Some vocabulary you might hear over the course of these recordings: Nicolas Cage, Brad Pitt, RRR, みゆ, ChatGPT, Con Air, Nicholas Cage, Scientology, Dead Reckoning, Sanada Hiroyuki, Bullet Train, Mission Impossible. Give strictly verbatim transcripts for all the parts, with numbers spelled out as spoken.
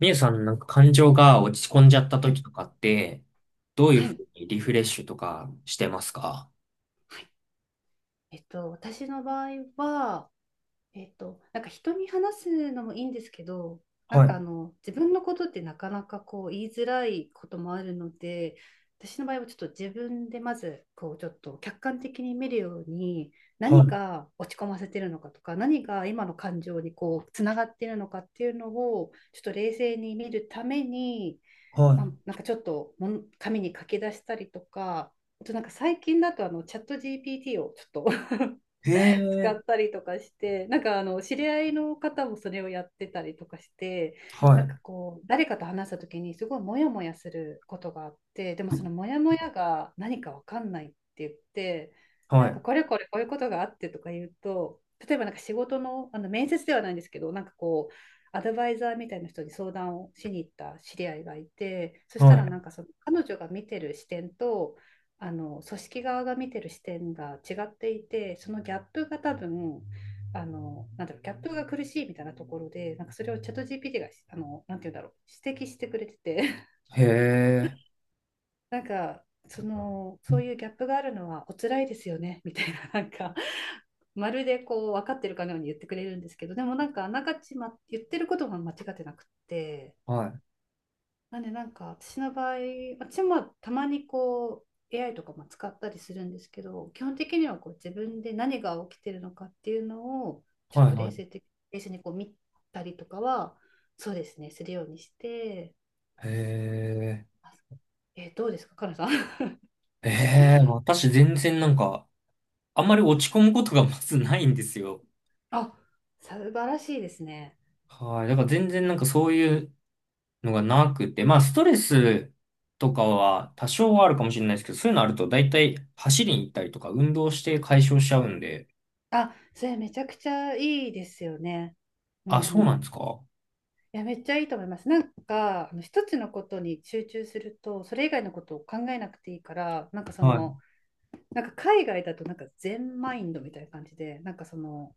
みゆさん、なんか感情が落ち込んじゃったは時い、とかって、どういうはふい、うにリフレッシュとかしてますか？はい。えっと、私の場合は、えっと、なんか人に話すのもいいんですけど、なはんかあい、の、自分のことってなかなかこう言いづらいこともあるので、私の場合はちょっと自分でまずこうちょっと客観的に見るように、は何い、が落ち込ませてるのかとか何が今の感情にこうつながってるのかっていうのをちょっと冷静に見るために、まあ、はなんかちょっともん紙に書き出したりとか、あとなんか最近だとあのチャット ジーピーティー をちょっといへ使え、ったりとかして、なんかあの知り合いの方もそれをやってたりとかして、はなんかい、こう誰かと話した時にすごいモヤモヤすることがあって、でもそのモヤモヤが何かわかんないって言って、ではなんかい、これこれこういうことがあってとか言うと、例えばなんか仕事の、あの面接ではないんですけど、なんかこうアドバイザーみたいな人に相談をしに行った知り合いがいて、そしたはい、らなんかその彼女が見てる視点と、あの組織側が見てる視点が違っていて、そのギャップが多分、あのなんだろうギャップが苦しいみたいなところで、なんかそれをチャット ジーピーティー があのなんて言うんだろう指摘してくれてて、 へえ、なんかそのそういうギャップがあるのはお辛いですよねみたいななんかまるでこう分かってるかのように言ってくれるんですけど、でもなんかあながち、ま、言ってることが間違ってなくって、はい、なんでなんか私の場合、私もたまにこう エーアイ とかも使ったりするんですけど、基本的にはこう自分で何が起きてるのかっていうのをちょっはい、とは冷い。静的、冷静にこう見たりとかは、そうですね、するようにして、へえ、あえーどうですか、かなさん。ええ、私全然なんか、あんまり落ち込むことがまずないんですよ。あ、素晴らしいですね。はい。だから全然なんかそういうのがなくて、まあ、ストレスとかは多少はあるかもしれないですけど、そういうのあると大体走りに行ったりとか運動して解消しちゃうんで、あ、それめちゃくちゃいいですよね。うんうあ、そうん。ないんですか？や、めっちゃいいと思います。なんか、あの一つのことに集中すると、それ以外のことを考えなくていいから、なんかそはい。の、なんか海外だとなんか全マインドみたいな感じで、なんかその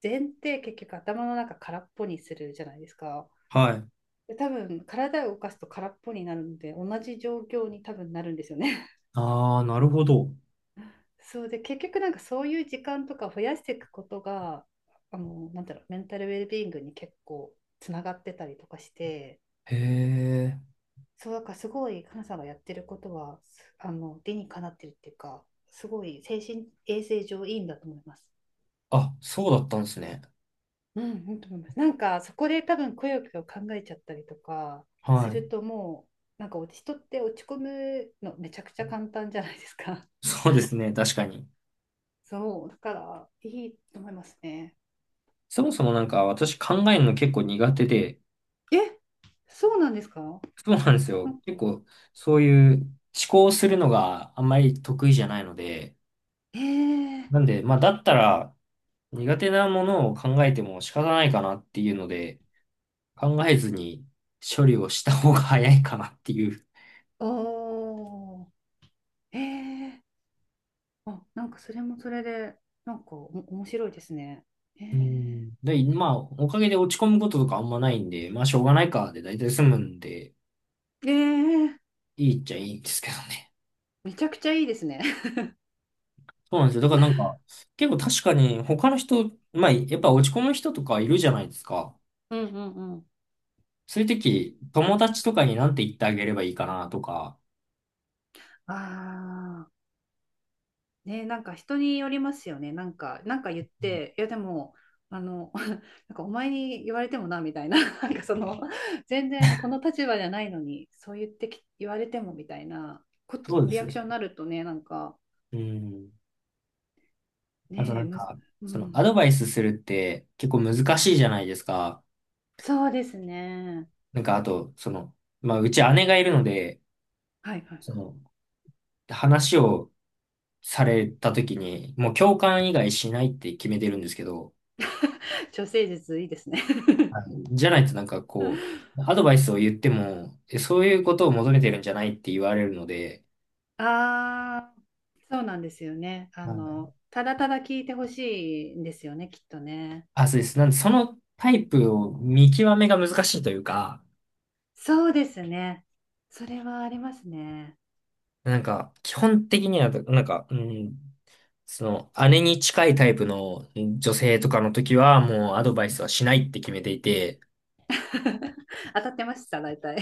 禅って結局頭の中空っぽにするじゃないですか。はい。で多分体を動かすと空っぽになるので同じ状況に多分なるんですよね。ああ、なるほど。そうで結局なんかそういう時間とか増やしていくことが、あのなんだろうメンタルウェルビーイングに結構つながってたりとかして、へえ。そうだからすごいかさんがやってることは、あの理にかなってるっていうか、すごい精神衛生上いいんだと思います。あ、そうだったんですね。うん、いいと思います。なんかそこで多分くよくよ考えちゃったりとかすはるい。ともうなんか人って落ち込むのめちゃくちゃ簡単じゃないですか。そうですね。確かに。そう、だからいいと思いますね。そもそもなんか私考えるの結構苦手で、え、そうなんですか。そうなんですなよ。ん結か、構そういう思考するのがあんまり得意じゃないので、えー、なんで、まあだったら、苦手なものを考えても仕方ないかなっていうので、考えずに処理をした方が早いかなっていう。おー、えー、あ、なんかそれもそれでなんかお面白いですね。えうー、ん。で、まあ、おかげで落ち込むこととかあんまないんで、まあ、しょうがないかで大体済むんで、えー、いいっちゃいいんですけどね。めちゃくちゃいいですね。そうなんですよ。だからなんか、結構確かに他の人、まあ、やっぱ落ち込む人とかいるじゃないですか。うんうんうん。そういう時、友達とかになんて言ってあげればいいかなとか。ああ。ね、なんか人によりますよね。なんか、なんか言っうん、て、いやでも、あの、なんかお前に言われてもな、みたいな、なんかその、全然この立場じゃないのに、そう言ってき、言われてもみたいなこと、そうでリすアよ。クションになるとね、なんか、うん。あとねなえ、んむず、か、うそのアドん、バイスするって結構難しいじゃないですか。そうですね。なんかあと、その、まあうち姉がいるので、はいはい。その話をされた時にもう共感以外しないって決めてるんですけど、女性術いいですね。はい、じゃないとなんかこう、アドバイスを言っても、えそういうことを求めてるんじゃないって言われるので、ああ、そうなんですよね。あはい、の、ただただ聞いてほしいんですよね、きっとね。あ、そうです。なんでそのタイプを見極めが難しいというか、そうですね。それはありますね。なんか基本的には、なんか、うんその、姉に近いタイプの女性とかの時は、もうアドバイスはしないって決めていて、当たってました、大体。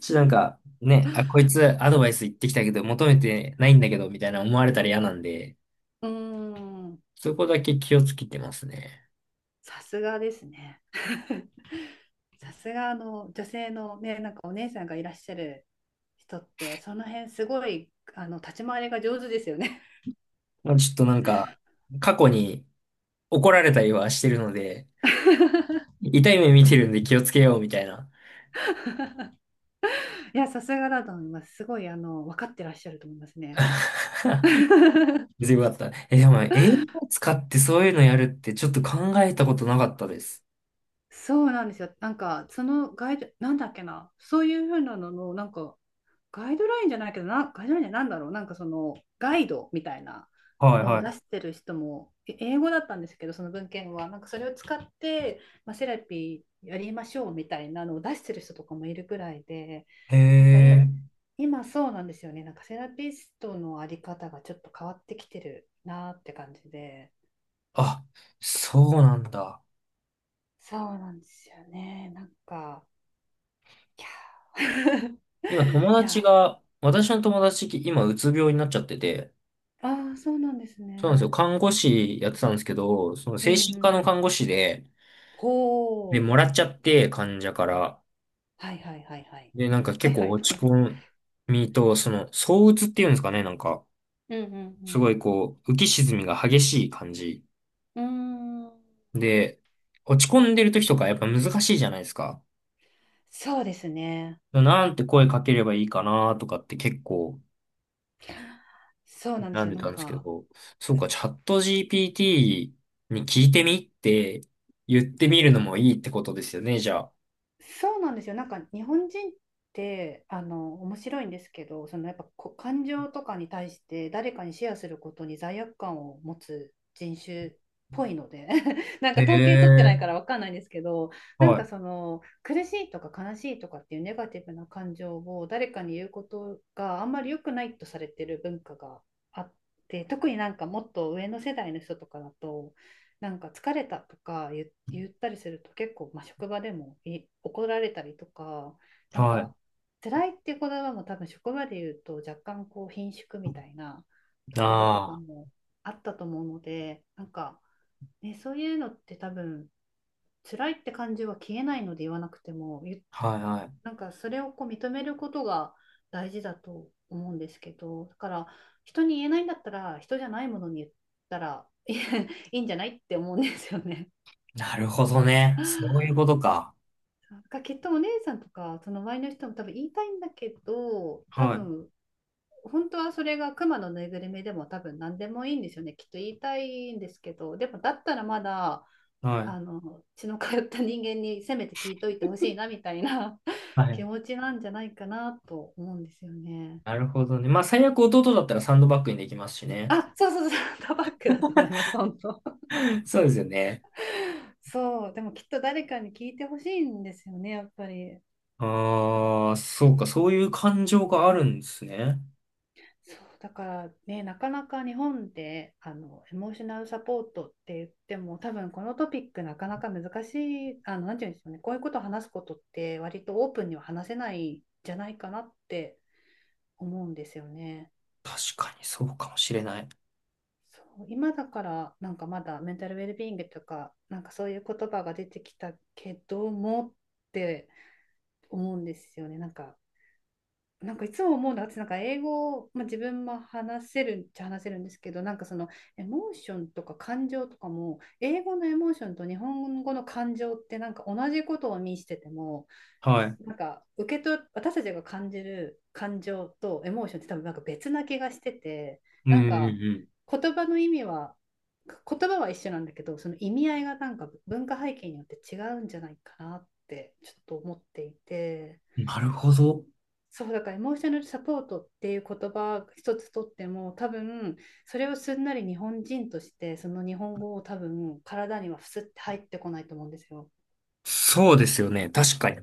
ちょ、っとなんか、ね、あ、こいつアドバイス言ってきたけど、求めてないんだけど、みたいな思われたら嫌なんで、うーん、そこだけ気をつけてますね。さすがですね。さすがあの女性のね、なんかお姉さんがいらっしゃる人って、その辺すごいあの立ち回りが上手ですよね。まあ、ちょっとなんか、過去に怒られたりはしてるので、痛い目見てるんで気をつけよう、みたいな。いや、さすがだと思います。すごいあの分かってらっしゃると思いますね。全部あった。え、でも、英語を使ってそういうのやるってちょっと考えたことなかったです。そうなんですよ。なんかそのガイド、なんだっけな、そういうふうなのの、なんかガイドラインじゃないけどな、ガイドラインじゃなんだろう、なんかそのガイドみたいなはいのをは出してる人も、英語だったんですけど、その文献は、なんかそれを使って、まあ、セラピーやりましょうみたいなのを出してる人とかもいるくらいで、い。へなんかいえ。今そうなんですよね、なんかセラピストのあり方がちょっと変わってきてるなって感じで、あ、そうなんだ。そうなんですよね、なんか、いや、今友い達やが、私の友達、今うつ病になっちゃってて、あーそうなんですそうなんですよ。ね。看護師やってたんですけど、そのうんう精神科んのうん。看護師で、ほで、もう。らっちゃって、患者から。はいはいはいはい。で、なんかは結い構はいとか。落ち込みと、その、躁鬱っていうんですかね、なんか、うんうすごんいこう、浮き沈みが激しい感じ。うん。うーん。で、落ち込んでる時とかやっぱ難しいじゃないですか。そうですね。なんて声かければいいかなとかって結構そうなんで悩すんよ。でなたんんですけか、ど、そうか、チャット ジーピーティー に聞いてみって言ってみるのもいいってことですよね、じゃあ。そうなんですよ。なんか日本人ってあの面白いんですけど、そのやっぱこ感情とかに対して誰かにシェアすることに罪悪感を持つ人種っぽいので、なんへか統計取ってないえ、からわかんないんですけど、なんはかい、その苦しいとか悲しいとかっていうネガティブな感情を誰かに言うことがあんまり良くないとされてる文化があって、特になんかもっと上の世代の人とかだと。なんか疲れたとか言言ったりすると結構、まあ、職場でも怒られたりとか、なんはい。か辛いっていう言葉も多分職場で言うと若干こう顰蹙みたいなところとかあもあったと思うので、なんか、ね、そういうのって多分辛いって感じは消えないので言わなくても、ゆあ、はい、はい。なんかそれをこう認めることが大事だと思うんですけど、だから人に言えないんだったら人じゃないものに言ったらいいいんじゃないって思うんですよね。なるほどね。なそういうことか。んかきっとお姉さんとかその周りの人も多分言いたいんだけど、多はい、分本当はそれがクマのぬいぐるみでも多分何でもいいんですよね、きっと言いたいんですけど、でもだったらまだはい、あの血の通った人間にせめて聞いといてほしいなみたいな、 は 気い。持ちなんじゃないかなと思うんですよね。なるほどね。まあ、最悪弟だったらサンドバッグにできますしね。あ、そうそうそう、タバックだと思います、本当。そうですよね。そう、でもきっと誰かに聞いてほしいんですよね、やっぱり。ああ、そうか、そういう感情があるんですね。そうだからね、なかなか日本であのエモーショナルサポートって言っても、多分このトピックなかなか難しい、あの、なんていうんでしょうね、こういうことを話すことって割とオープンには話せないんじゃないかなって思うんですよね。確かにそうかもしれない。そう、今だからなんかまだメンタルウェルビーイングとか、なんかそういう言葉が出てきたけどもって思うんですよね。なんかなんかいつも思うのは、私なんか英語、まあ、自分も話せるっちゃ話せるんですけど、なんかそのエモーションとか感情とかも、英語のエモーションと日本語の感情ってなんか同じことを意味してても、はい。なんか受け取、私たちが感じる感情とエモーションって多分なんか別な気がしてて、うんなうんかん言葉の意味は、言葉は一緒なんだけど、その意味合いがなんか文化背景によって違うんじゃないかなってちょっと思っていて。うん。なるほど。そうだからエモーショナルサポートっていう言葉一つとっても、多分それをすんなり日本人としてその日本語を多分体にはふすって入ってこないと思うんですよ。そうですよね。確かに。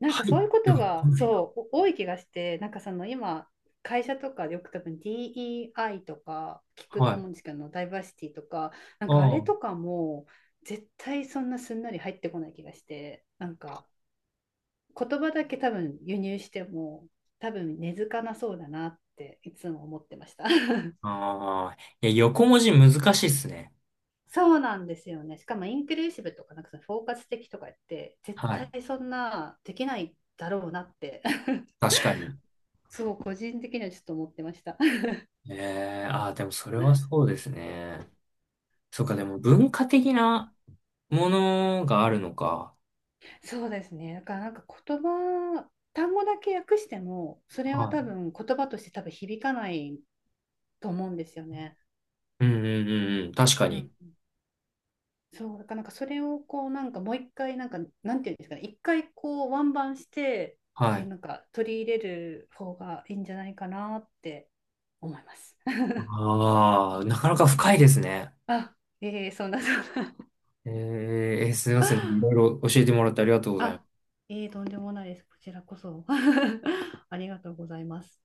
なんかそうはいういこでとは来がないな。そう多い気がして、なんかその今会社とかでよく多分 ディーイーアイ とか聞くはとい。思うんですけど、ダイバーシティとか、なんあかあれとあ。かも絶対そんなすんなり入ってこない気がして、なんか言葉だけ多分輸入しても多分根付かなそうだなっていつも思ってました。 ああ。いや、横文字難しいっすね。そうなんですよね。しかもインクルーシブとかなんかその包括的とか言って絶は対い。そんなできないだろうなって、 確かに。そう個人的にはちょっと思ってました。 ええ、ああ、でもそれはそうですね。そうか、でも 文化的なものがあるのか。そうですね。だからなんか言葉単語だけ訳してもそれはは多い。分言葉として多分響かないと思うんですよね。うんうんうんうん。確かうに。ん、そう、だからなんかそれをこうなんかもう一回なんかなんていうんですかね、一回こうワンバンしてはえい。なんか取り入れる方がいいんじゃないかなって思います。ああ、なかなか深いですね。あ、えー、そんなそんな。えーえー、すいません。いろい ろ教えてもらってありがとうございまあ、す。えー、とんでもないです。こちらこそ。ありがとうございます。